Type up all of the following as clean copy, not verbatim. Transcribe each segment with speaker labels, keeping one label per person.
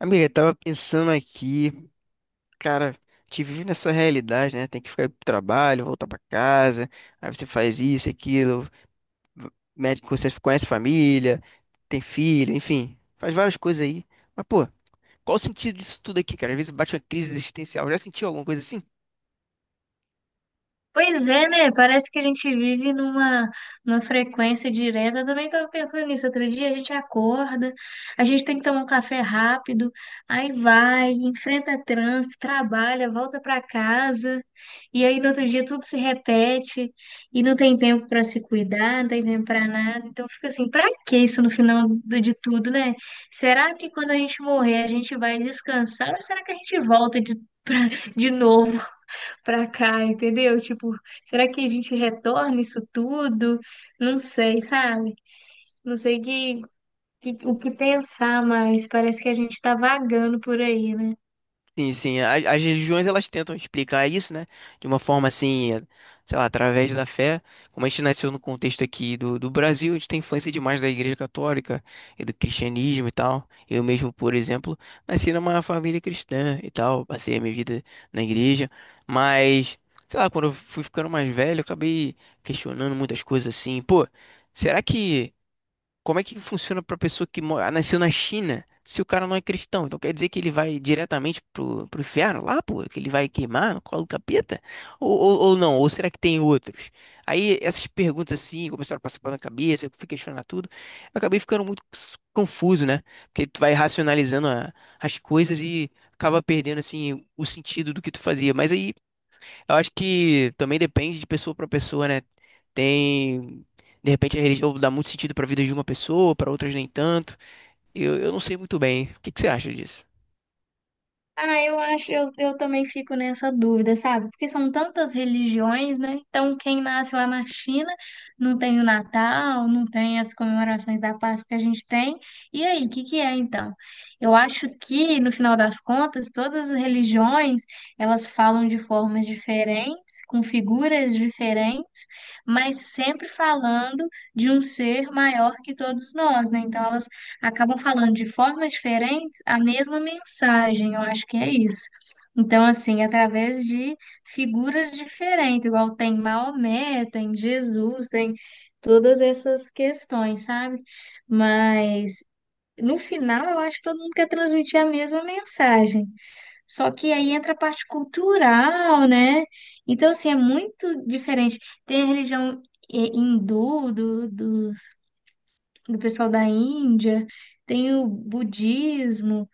Speaker 1: Amiga, eu tava pensando aqui, cara, te vive nessa realidade, né? Tem que ficar pro trabalho, voltar pra casa, aí você faz isso, aquilo, v- médico, você conhece família, tem filho, enfim, faz várias coisas aí. Mas, pô, qual o sentido disso tudo aqui, cara? Às vezes bate uma crise existencial. Já sentiu alguma coisa assim?
Speaker 2: Pois é, né? Parece que a gente vive numa frequência direta. Eu também estava pensando nisso. Outro dia a gente acorda, a gente tem que tomar um café rápido, aí vai, enfrenta trânsito, trabalha, volta para casa, e aí no outro dia tudo se repete, e não tem tempo para se cuidar, não tem tempo para nada. Então fica assim, para que isso no de tudo, né? Será que quando a gente morrer a gente vai descansar ou será que a gente pra, de novo? Pra cá, entendeu? Tipo, será que a gente retorna isso tudo? Não sei, sabe? Não sei que- o que pensar mais. Parece que a gente tá vagando por aí, né?
Speaker 1: Sim, sim. As religiões elas tentam explicar isso, né? De uma forma assim, sei lá, através da fé. Como a gente nasceu no contexto aqui do Brasil, a gente tem influência demais da Igreja Católica e do cristianismo e tal. Eu mesmo, por exemplo, nasci numa família cristã e tal, passei a minha vida na igreja. Mas, sei lá, quando eu fui ficando mais velho, eu acabei questionando muitas coisas assim. Pô, será que como é que funciona para pessoa que nasceu na China se o cara não é cristão? Então quer dizer que ele vai diretamente pro inferno lá, pô? Que ele vai queimar no colo do capeta? Ou não? Ou será que tem outros? Aí essas perguntas assim começaram a passar pela minha cabeça, eu fui questionar tudo. Eu acabei ficando muito confuso, né? Porque tu vai racionalizando as coisas e acaba perdendo assim o sentido do que tu fazia. Mas aí eu acho que também depende de pessoa para pessoa, né? Tem, de repente a religião dá muito sentido para a vida de uma pessoa, para outras nem tanto. Eu não sei muito bem. O que que você acha disso?
Speaker 2: Ah, eu também fico nessa dúvida, sabe? Porque são tantas religiões, né? Então, quem nasce lá na China não tem o Natal, não tem as comemorações da Páscoa que a gente tem. E aí, o que que é então? Eu acho que, no final das contas, todas as religiões, elas falam de formas diferentes, com figuras diferentes, mas sempre falando de um ser maior que todos nós, né? Então, elas acabam falando de formas diferentes a mesma mensagem, eu acho que é isso. Então, assim, através de figuras diferentes, igual tem Maomé, tem Jesus, tem todas essas questões, sabe? Mas no final eu acho que todo mundo quer transmitir a mesma mensagem. Só que aí entra a parte cultural, né? Então, assim, é muito diferente. Tem a religião hindu, do pessoal da Índia, tem o budismo.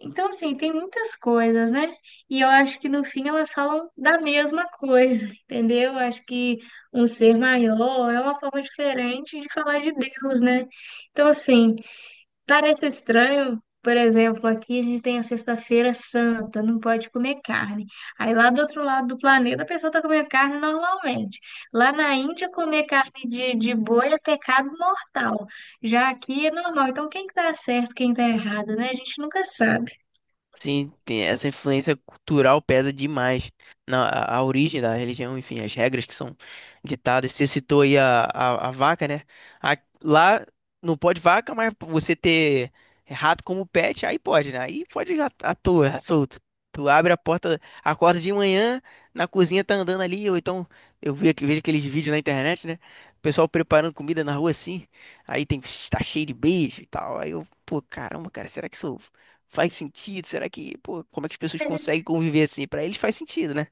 Speaker 2: Então, assim, tem muitas coisas, né? E eu acho que no fim elas falam da mesma coisa, entendeu? Eu acho que um ser maior é uma forma diferente de falar de Deus, né? Então, assim. Parece estranho, por exemplo, aqui a gente tem a Sexta-feira Santa, não pode comer carne. Aí lá do outro lado do planeta a pessoa tá comendo carne normalmente. Lá na Índia, comer carne de boi é pecado mortal. Já aqui é normal. Então, quem que tá certo, quem tá errado, né? A gente nunca sabe.
Speaker 1: Sim, essa influência cultural pesa demais na a origem da religião, enfim, as regras que são ditadas. Você citou aí a vaca, né? A- Lá não pode vaca, mas você ter rato como pet, aí pode, né? Aí pode já tá à toa, solto. Tu abre a porta, acorda de manhã, na cozinha tá andando ali, ou então eu vi, vejo aqueles vídeos na internet, né? O pessoal preparando comida na rua assim, aí tem, tá cheio de beijo e tal. Aí eu, pô, caramba, cara, será que sou faz sentido? Será que, pô, como é que as pessoas conseguem conviver assim? Pra eles faz sentido, né?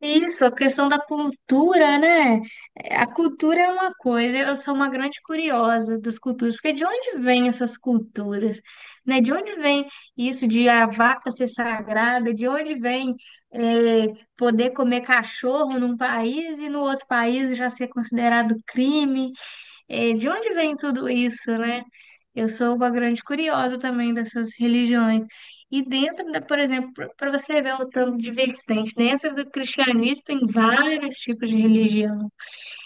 Speaker 2: Isso, a questão da cultura, né? A cultura é uma coisa, eu sou uma grande curiosa das culturas, porque de onde vêm essas culturas, né? De onde vem isso de a vaca ser sagrada? De onde vem é, poder comer cachorro num país e no outro país já ser considerado crime? É, de onde vem tudo isso, né? Eu sou uma grande curiosa também dessas religiões. E dentro da, por exemplo, para você ver o tanto de vertente, dentro do cristianismo tem vários tipos de religião.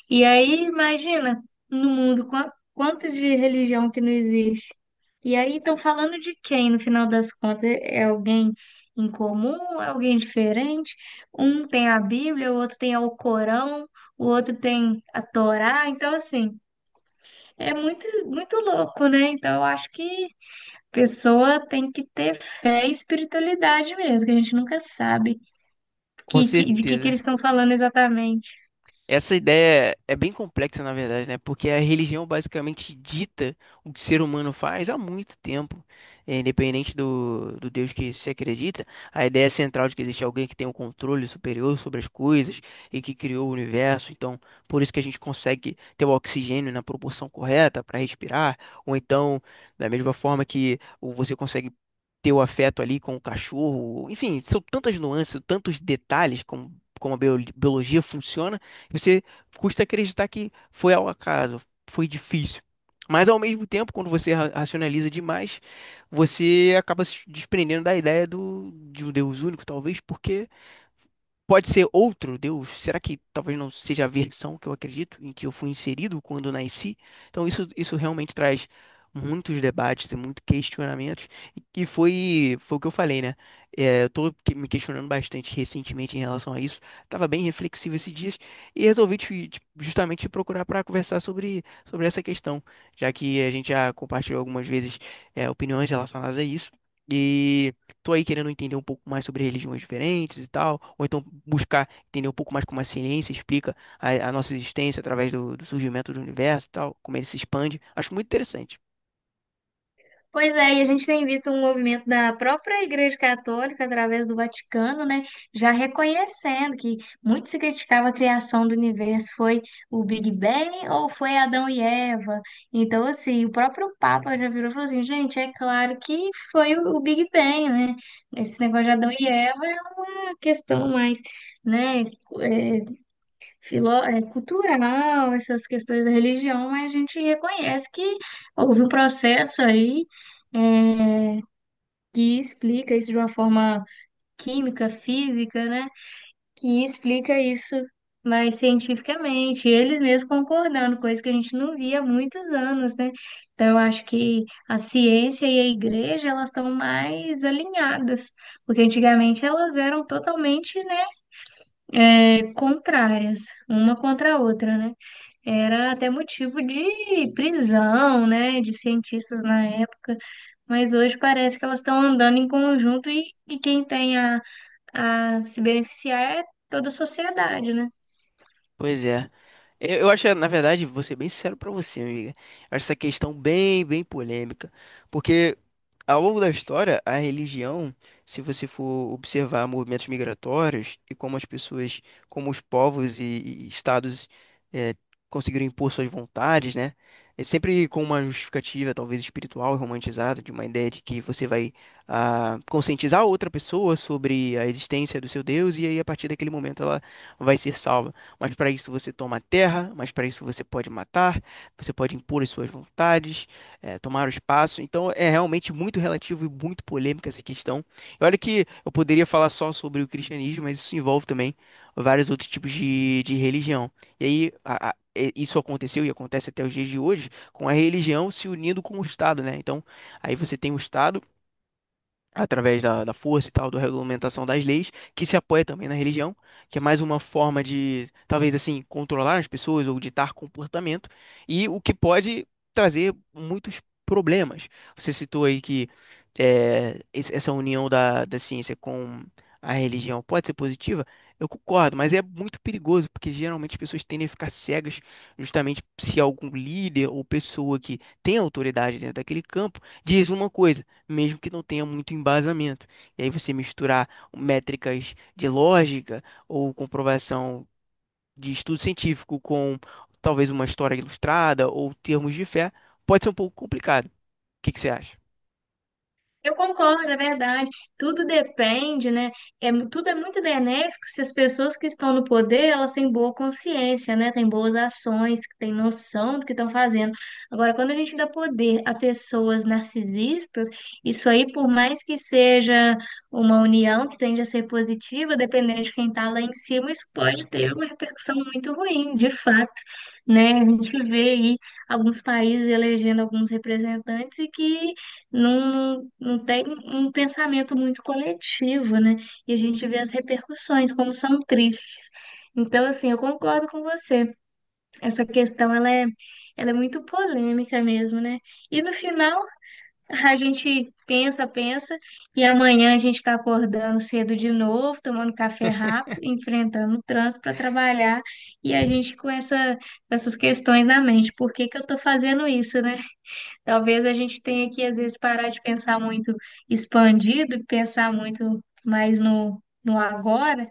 Speaker 2: E aí, imagina, no mundo, quanto de religião que não existe. E aí, estão falando de quem, no final das contas? É alguém em comum? É alguém diferente? Um tem a Bíblia, o outro tem o Corão, o outro tem a Torá. Então, assim. É muito, muito louco, né? Então, eu acho que a pessoa tem que ter fé e espiritualidade mesmo, que a gente nunca sabe
Speaker 1: Com
Speaker 2: que
Speaker 1: certeza.
Speaker 2: eles estão falando exatamente.
Speaker 1: Essa ideia é bem complexa, na verdade, né? Porque a religião basicamente dita o que o ser humano faz há muito tempo. É, independente do Deus que se acredita. A ideia central de que existe alguém que tem um controle superior sobre as coisas e que criou o universo. Então, por isso que a gente consegue ter o oxigênio na proporção correta para respirar, ou então, da mesma forma que você consegue ter o afeto ali com o cachorro. Enfim, são tantas nuances, tantos detalhes como, como a biologia funciona e você custa acreditar que foi ao acaso, foi difícil. Mas ao mesmo tempo, quando você racionaliza demais, você acaba se desprendendo da ideia do, de um Deus único, talvez, porque pode ser outro Deus. Será que talvez não seja a versão que eu acredito, em que eu fui inserido quando nasci? Então isso realmente traz muitos debates e muitos questionamentos. E foi o que eu falei, né? É, eu me questionando bastante recentemente em relação a isso. Tava bem reflexivo esses dias e resolvi justamente te procurar para conversar sobre essa questão, já que a gente já compartilhou algumas vezes é, opiniões relacionadas a isso. E tô aí querendo entender um pouco mais sobre religiões diferentes e tal, ou então buscar entender um pouco mais como a ciência explica a nossa existência através do surgimento do universo e tal, como ele se expande. Acho muito interessante.
Speaker 2: Pois é, e a gente tem visto um movimento da própria Igreja Católica, através do Vaticano, né, já reconhecendo que muito se criticava a criação do universo, foi o Big Bang ou foi Adão e Eva? Então, assim, o próprio Papa já virou e falou assim, gente, é claro que foi o Big Bang, né? Esse negócio de Adão e Eva é uma questão mais, né, é, cultural, essas questões da religião, mas a gente reconhece que houve um processo aí é, que explica isso de uma forma química, física, né? Que explica isso mais cientificamente, eles mesmos concordando, coisa que a gente não via há muitos anos, né? Então, eu acho que a ciência e a igreja, elas estão mais alinhadas, porque antigamente elas eram totalmente, né? Contrárias, uma contra a outra, né? Era até motivo de prisão, né, de cientistas na época, mas hoje parece que elas estão andando em conjunto e quem tem a se beneficiar é toda a sociedade, né?
Speaker 1: Pois é. Eu acho, na verdade, vou ser bem sincero pra você, amiga. Eu acho essa questão bem polêmica. Porque ao longo da história, a religião, se você for observar movimentos migratórios e como as pessoas, como os povos e estados eh, conseguiram impor suas vontades, né? É sempre com uma justificativa, talvez espiritual e romantizada, de uma ideia de que você vai conscientizar outra pessoa sobre a existência do seu Deus e aí, a partir daquele momento, ela vai ser salva, mas para isso você toma a terra, mas para isso você pode matar, você pode impor as suas vontades, tomar o espaço. Então é realmente muito relativo e muito polêmica essa questão. E olha que eu poderia falar só sobre o cristianismo, mas isso envolve também vários outros tipos de religião. E aí, isso aconteceu e acontece até os dias de hoje, com a religião se unindo com o Estado, né? Então, aí você tem o Estado através da força e tal, da regulamentação das leis, que se apoia também na religião, que é mais uma forma de, talvez assim, controlar as pessoas ou ditar comportamento, e o que pode trazer muitos problemas. Você citou aí que essa união da ciência com a religião pode ser positiva, eu concordo, mas é muito perigoso, porque geralmente as pessoas tendem a ficar cegas justamente se algum líder ou pessoa que tem autoridade dentro daquele campo diz uma coisa mesmo que não tenha muito embasamento. E aí você misturar métricas de lógica ou comprovação de estudo científico com talvez uma história ilustrada ou termos de fé, pode ser um pouco complicado. O que que você acha?
Speaker 2: Eu concordo, é verdade. Tudo depende, né? Tudo é muito benéfico se as pessoas que estão no poder, elas têm boa consciência, né? Têm boas ações, que têm noção do que estão fazendo. Agora, quando a gente dá poder a pessoas narcisistas, isso aí, por mais que seja uma união que tende a ser positiva, dependendo de quem está lá em cima, isso pode ter uma repercussão muito ruim, de fato, né? A gente vê aí alguns países elegendo alguns representantes e que não, não tem um pensamento muito coletivo, né? E a gente vê as repercussões, como são tristes. Então, assim, eu concordo com você. Essa questão, ela é muito polêmica mesmo, né? E no final, a gente pensa, pensa, e amanhã a gente está acordando cedo de novo, tomando café rápido, enfrentando o trânsito para trabalhar, e a gente com com essas questões na mente. Por que que eu estou fazendo isso, né? Talvez a gente tenha que, às vezes, parar de pensar muito expandido e pensar muito mais no agora,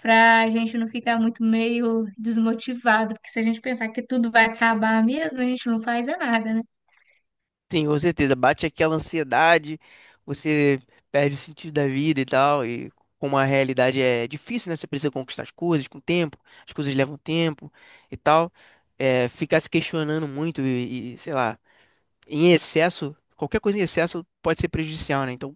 Speaker 2: para a gente não ficar muito meio desmotivado, porque se a gente pensar que tudo vai acabar mesmo, a gente não faz é nada, né?
Speaker 1: Sim, com certeza. Bate aquela ansiedade, você perde o sentido da vida e tal, e como a realidade é difícil, né? Você precisa conquistar as coisas com tempo, as coisas levam tempo e tal. É, ficar se questionando muito e sei lá, em excesso, qualquer coisa em excesso pode ser prejudicial, né? Então,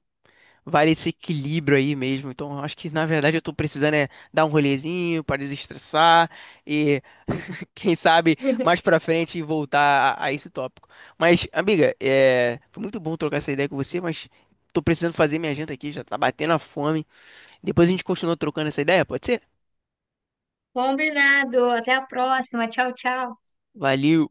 Speaker 1: vale esse equilíbrio aí mesmo. Então, eu acho que na verdade eu tô precisando é dar um rolezinho para desestressar e quem sabe mais pra frente voltar a esse tópico. Mas, amiga, é, foi muito bom trocar essa ideia com você, mas tô precisando fazer minha janta aqui, já tá batendo a fome. Depois a gente continua trocando essa ideia, pode ser?
Speaker 2: Combinado. Até a próxima. Tchau, tchau.
Speaker 1: Valeu.